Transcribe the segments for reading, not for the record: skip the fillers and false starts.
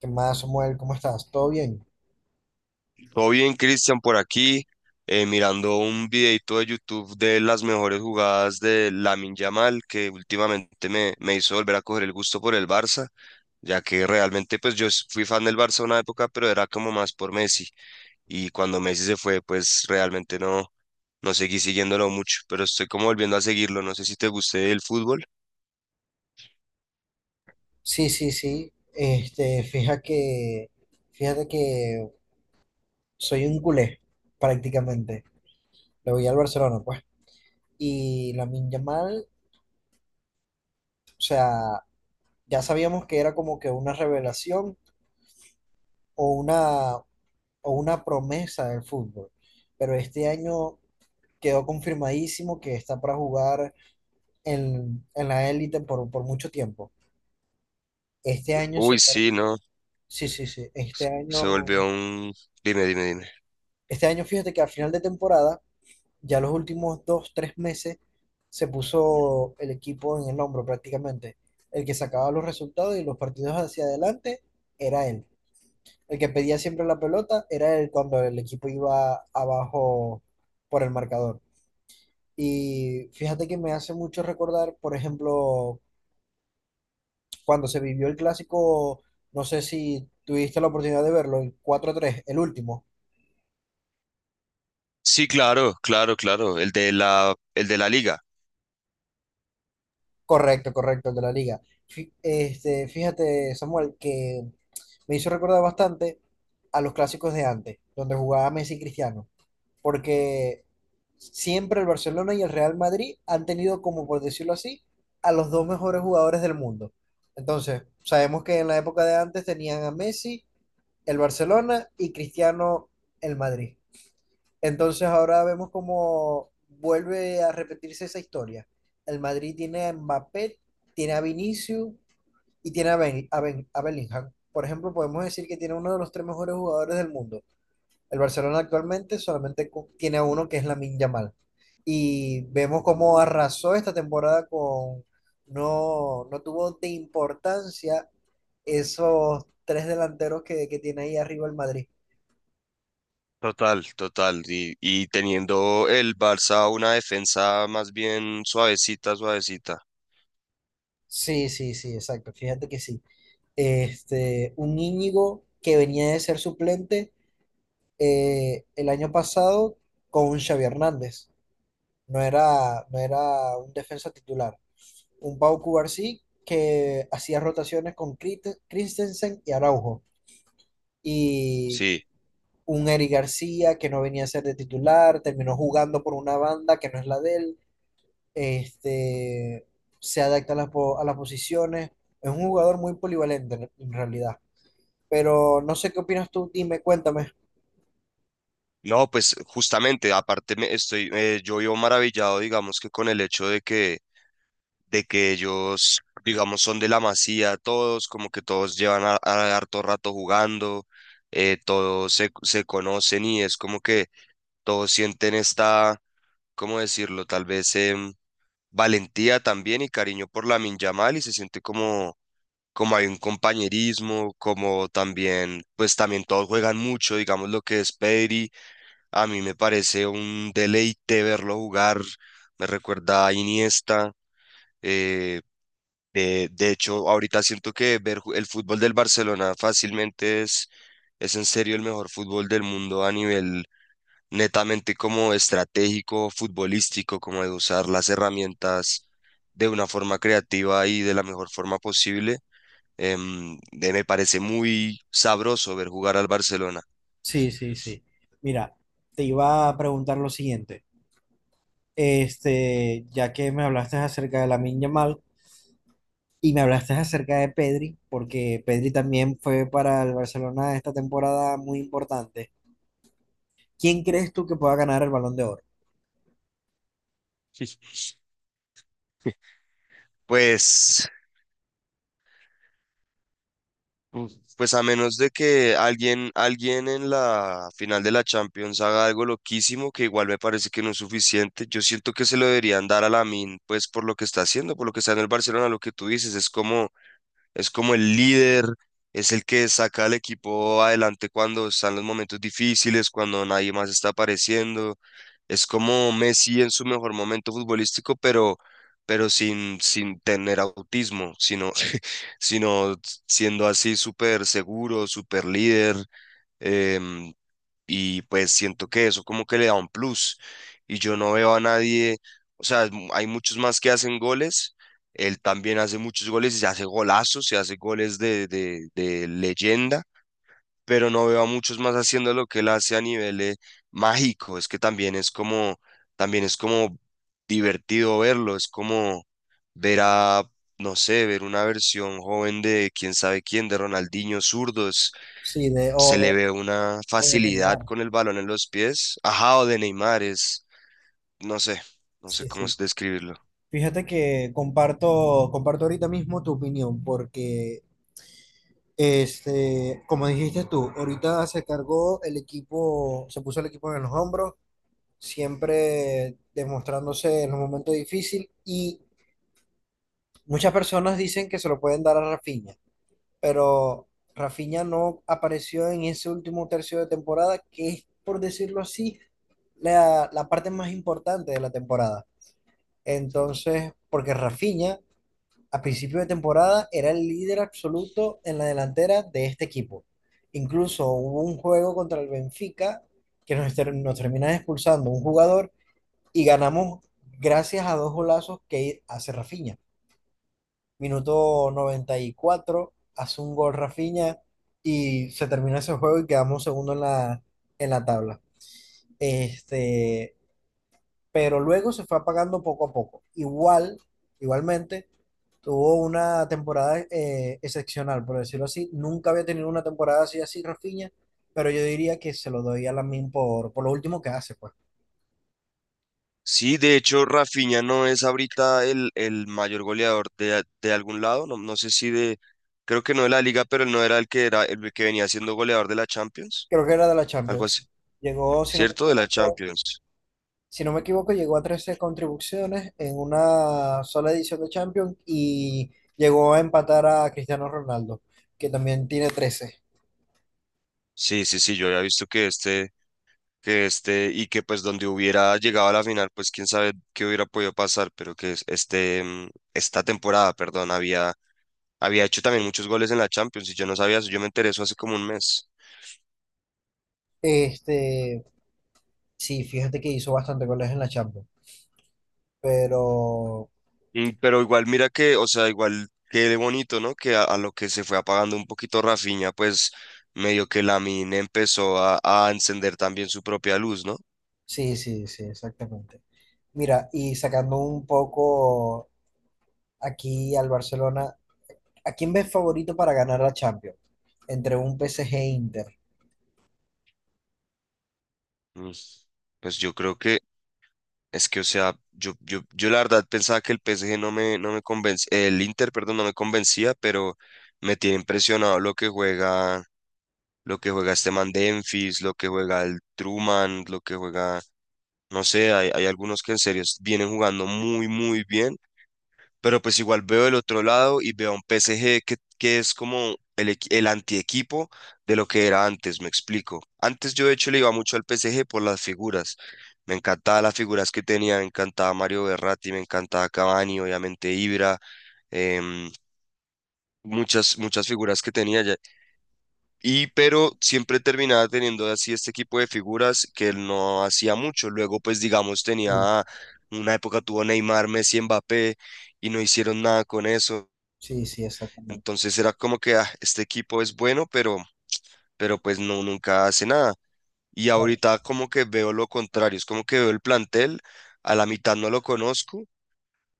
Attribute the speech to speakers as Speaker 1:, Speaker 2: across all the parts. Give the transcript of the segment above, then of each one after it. Speaker 1: ¿Qué más, Samuel? ¿Cómo estás? ¿Todo bien?
Speaker 2: Todo bien, Cristian, por aquí, mirando un videito de YouTube de las mejores jugadas de Lamine Yamal, que últimamente me hizo volver a coger el gusto por el Barça, ya que realmente pues fui fan del Barça una época, pero era como más por Messi. Y cuando Messi se fue, pues realmente no seguí siguiéndolo mucho, pero estoy como volviendo a seguirlo. No sé si te guste el fútbol.
Speaker 1: Sí, sí, sí. Fíjate que soy un culé, prácticamente. Le voy al Barcelona, pues. Y la Yamal, o sea, ya sabíamos que era como que una revelación, o una promesa del fútbol. Pero este año quedó confirmadísimo que está para jugar en la élite por mucho tiempo. Este año
Speaker 2: Uy, sí, no,
Speaker 1: Sí, sí, sí.
Speaker 2: se volvió un... Dime, dime, dime.
Speaker 1: Este año fíjate que a final de temporada, ya los últimos dos, tres meses, se puso el equipo en el hombro prácticamente. El que sacaba los resultados y los partidos hacia adelante era él. El que pedía siempre la pelota era el cuando el equipo iba abajo por el marcador. Y fíjate que me hace mucho recordar, por ejemplo, cuando se vivió el clásico, no sé si tuviste la oportunidad de verlo, el 4 tres el último.
Speaker 2: Sí, claro, claro, claro, el de la liga.
Speaker 1: Correcto, correcto, el de la liga. Fíjate, Samuel, que me hizo recordar bastante a los clásicos de antes, donde jugaba Messi y Cristiano, porque siempre el Barcelona y el Real Madrid han tenido, como por decirlo así, a los dos mejores jugadores del mundo. Entonces, sabemos que en la época de antes tenían a Messi, el Barcelona, y Cristiano, el Madrid. Entonces, ahora vemos cómo vuelve a repetirse esa historia. El Madrid tiene a Mbappé, tiene a Vinicius y tiene a, a Bellingham. Por ejemplo, podemos decir que tiene uno de los tres mejores jugadores del mundo. El Barcelona actualmente tiene a uno que es Lamine Yamal. Y vemos cómo arrasó esta temporada con... No, no tuvo de importancia esos tres delanteros que tiene ahí arriba el Madrid.
Speaker 2: Total, total. Y teniendo el Barça una defensa más bien suavecita, suavecita.
Speaker 1: Sí, sí, sí, exacto. Fíjate que sí. Este, un Íñigo que venía de ser suplente el año pasado con un Xavi Hernández. No era un defensa titular, un Pau Cubarsí que hacía rotaciones con Christensen y Araujo. Y
Speaker 2: Sí.
Speaker 1: un Eric García que no venía a ser de titular, terminó jugando por una banda que no es la de él, este, se adapta a a las posiciones, es un jugador muy polivalente en realidad. Pero no sé qué opinas tú, dime, cuéntame.
Speaker 2: No, pues justamente, aparte yo vivo maravillado, digamos, que con el hecho de que ellos, digamos, son de la Masía todos, como que todos llevan harto rato jugando, todos se conocen, y es como que todos sienten esta, ¿cómo decirlo? Tal vez valentía también y cariño por la Yamal, y se siente como como hay un compañerismo, como también, pues también todos juegan mucho, digamos lo que es Pedri. A mí me parece un deleite verlo jugar, me recuerda a Iniesta. eh, de hecho, ahorita siento que el fútbol del Barcelona fácilmente es en serio el mejor fútbol del mundo a nivel netamente como estratégico, futbolístico, como de usar las herramientas de una forma creativa y de la mejor forma posible. Me parece muy sabroso ver jugar al Barcelona.
Speaker 1: Sí, sí, sí. Mira, te iba a preguntar lo siguiente. Este, ya que me hablaste acerca de la Yamal, y me hablaste acerca de Pedri, porque Pedri también fue para el Barcelona esta temporada muy importante. ¿Quién crees tú que pueda ganar el Balón de Oro?
Speaker 2: Pues, pues a menos de que alguien en la final de la Champions haga algo loquísimo, que igual me parece que no es suficiente, yo siento que se lo deberían dar a Lamin, pues por lo que está haciendo, por lo que está en el Barcelona, lo que tú dices. Es como es como el líder, es el que saca al equipo adelante cuando están los momentos difíciles, cuando nadie más está apareciendo. Es como Messi en su mejor momento futbolístico, pero sin tener autismo, sino, sino siendo así súper seguro, súper líder. em, y pues siento que eso como que le da un plus. Y yo no veo a nadie, o sea, hay muchos más que hacen goles. Él también hace muchos goles y se hace golazos, se hace goles de leyenda, pero no veo a muchos más haciendo lo que él hace a nivel mágico. Es que también es como divertido verlo, es como ver a, no sé, ver una versión joven de quién sabe quién, de Ronaldinho zurdo,
Speaker 1: Sí, de
Speaker 2: se le ve una
Speaker 1: o de
Speaker 2: facilidad
Speaker 1: Neymar.
Speaker 2: con el balón en los pies. Ajá, o de Neymar es, no sé, no sé
Speaker 1: Sí,
Speaker 2: cómo
Speaker 1: sí.
Speaker 2: es describirlo.
Speaker 1: Fíjate que comparto, comparto ahorita mismo tu opinión, porque este, como dijiste tú, ahorita se cargó el equipo, se puso el equipo en los hombros, siempre demostrándose en los momentos difíciles, y muchas personas dicen que se lo pueden dar a Rafinha, pero Rafinha no apareció en ese último tercio de temporada, que es, por decirlo así, la parte más importante de la temporada. Entonces, porque Rafinha a principio de temporada era el líder absoluto en la delantera de este equipo. Incluso hubo un juego contra el Benfica que nos termina expulsando un jugador y ganamos gracias a dos golazos que hace Rafinha. Minuto 94 hace un gol Rafinha y se terminó ese juego y quedamos segundo en en la tabla. Este, pero luego se fue apagando poco a poco. Igualmente, tuvo una temporada excepcional, por decirlo así. Nunca había tenido una temporada así, así Rafinha, pero yo diría que se lo doy a Lamin por lo último que hace, pues.
Speaker 2: Sí, de hecho, Rafinha no es ahorita el mayor goleador de algún lado. No, no sé si de, creo que no de la liga, pero él no era el que era el que venía siendo goleador de la Champions,
Speaker 1: Creo que era de la
Speaker 2: algo así,
Speaker 1: Champions. Llegó, si no me
Speaker 2: ¿cierto? De la
Speaker 1: equivoco,
Speaker 2: Champions.
Speaker 1: si no me equivoco, llegó a 13 contribuciones en una sola edición de Champions y llegó a empatar a Cristiano Ronaldo, que también tiene 13.
Speaker 2: Sí, sí, sí, yo había visto y que pues donde hubiera llegado a la final, pues quién sabe qué hubiera podido pasar, pero que es- este, mm, esta temporada, perdón, había Había hecho también muchos goles en la Champions y yo no sabía eso, yo me enteré eso hace como un mes.
Speaker 1: Este, sí, fíjate que hizo bastante goles en la Champions, pero
Speaker 2: Pero igual mira que, o sea, igual quede bonito, ¿no? Que a lo que se fue apagando un poquito Rafinha, pues medio que Lamine empezó a encender también su propia luz, ¿no?
Speaker 1: sí, sí, sí, exactamente. Mira, y sacando un poco aquí al Barcelona, ¿a quién ves favorito para ganar la Champions? Entre un PSG e Inter.
Speaker 2: Mm. Pues yo creo que es que, o sea, yo la verdad pensaba que el PSG no me convencía, el Inter, perdón, no me convencía, pero me tiene impresionado lo que juega este man Dumfries, lo que juega el Truman, lo que juega No sé, hay algunos que en serio vienen jugando muy, muy bien, pero pues igual veo el otro lado y veo a un PSG que es como el antiequipo de lo que era antes, me explico. Antes yo de hecho le iba mucho al PSG por las figuras. Me encantaban las figuras que tenía, me encantaba Mario Berratti, me encantaba Cavani, obviamente Ibra, em, muchas, muchas figuras que tenía. Y pero siempre terminaba teniendo así este equipo de figuras que él no hacía mucho. Luego, pues digamos,
Speaker 1: Sí,
Speaker 2: tenía una época tuvo Neymar, Messi, Mbappé, y no hicieron nada con eso.
Speaker 1: sí, sí, exactamente.
Speaker 2: Entonces era como que "Ah, este equipo es bueno, pero pues no, nunca hace nada". Y ahorita como que veo lo contrario, es como que veo el plantel, a la mitad no lo conozco.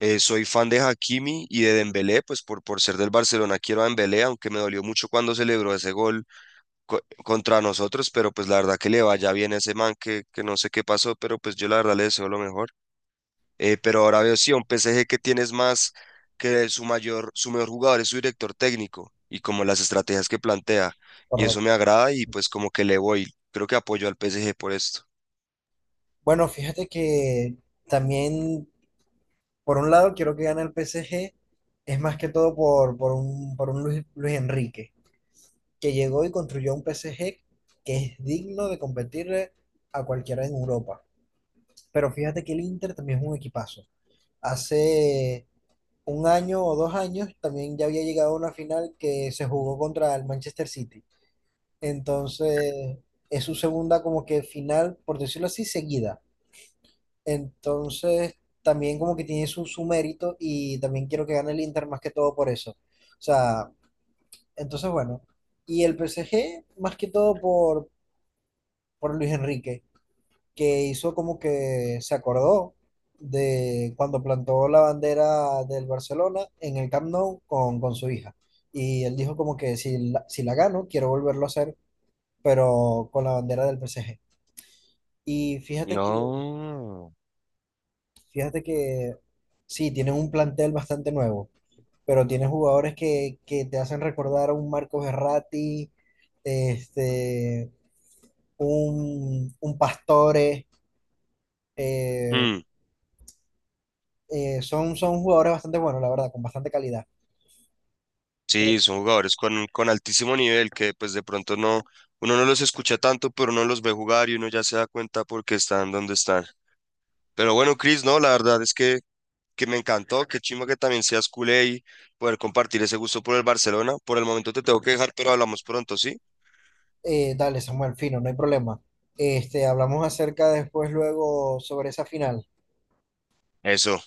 Speaker 2: Soy fan de Hakimi y de Dembélé, pues por ser del Barcelona quiero a Dembélé, aunque me dolió mucho cuando celebró ese gol contra nosotros, pero pues la verdad que le vaya bien a ese man que no sé qué pasó, pero pues yo la verdad le deseo lo mejor. Pero ahora veo sí, a un PSG que tienes más que su mayor, su mejor jugador es su director técnico y como las estrategias que plantea. Y eso me
Speaker 1: Claro,
Speaker 2: agrada y pues como que le voy. Creo que apoyo al PSG por esto.
Speaker 1: bueno, fíjate que también, por un lado, quiero que gane el PSG, es más que todo por, por un Luis, Luis Enrique, que llegó y construyó un PSG que es digno de competirle a cualquiera en Europa. Pero fíjate que el Inter también es un equipazo. Hace un año o dos años también ya había llegado a una final que se jugó contra el Manchester City. Entonces, es su segunda como que final, por decirlo así, seguida. Entonces, también como que tiene su, su mérito y también quiero que gane el Inter más que todo por eso. O sea, entonces bueno. Y el PSG más que todo por Luis Enrique, que hizo como que se acordó de cuando plantó la bandera del Barcelona en el Camp Nou con su hija. Y él dijo como que si la, si la gano, quiero volverlo a hacer, pero con la bandera del PSG. Y fíjate que
Speaker 2: No.
Speaker 1: Fíjate que sí, tienen un plantel bastante nuevo, pero tienen jugadores que te hacen recordar a un Marcos Verratti, este, un Pastore, eh,
Speaker 2: Mm,
Speaker 1: son, son jugadores bastante buenos, la verdad, con bastante calidad.
Speaker 2: sí, son jugadores con altísimo nivel que pues de pronto no, uno no los escucha tanto, pero uno los ve jugar y uno ya se da cuenta por qué están donde están. Pero bueno, Chris, no, la verdad es que me encantó, qué chimba que también seas culé y poder compartir ese gusto por el Barcelona. Por el momento te tengo que dejar, pero hablamos pronto, ¿sí?
Speaker 1: Dale, Samuel, fino, no hay problema. Este, hablamos acerca después, luego, sobre esa final.
Speaker 2: Eso.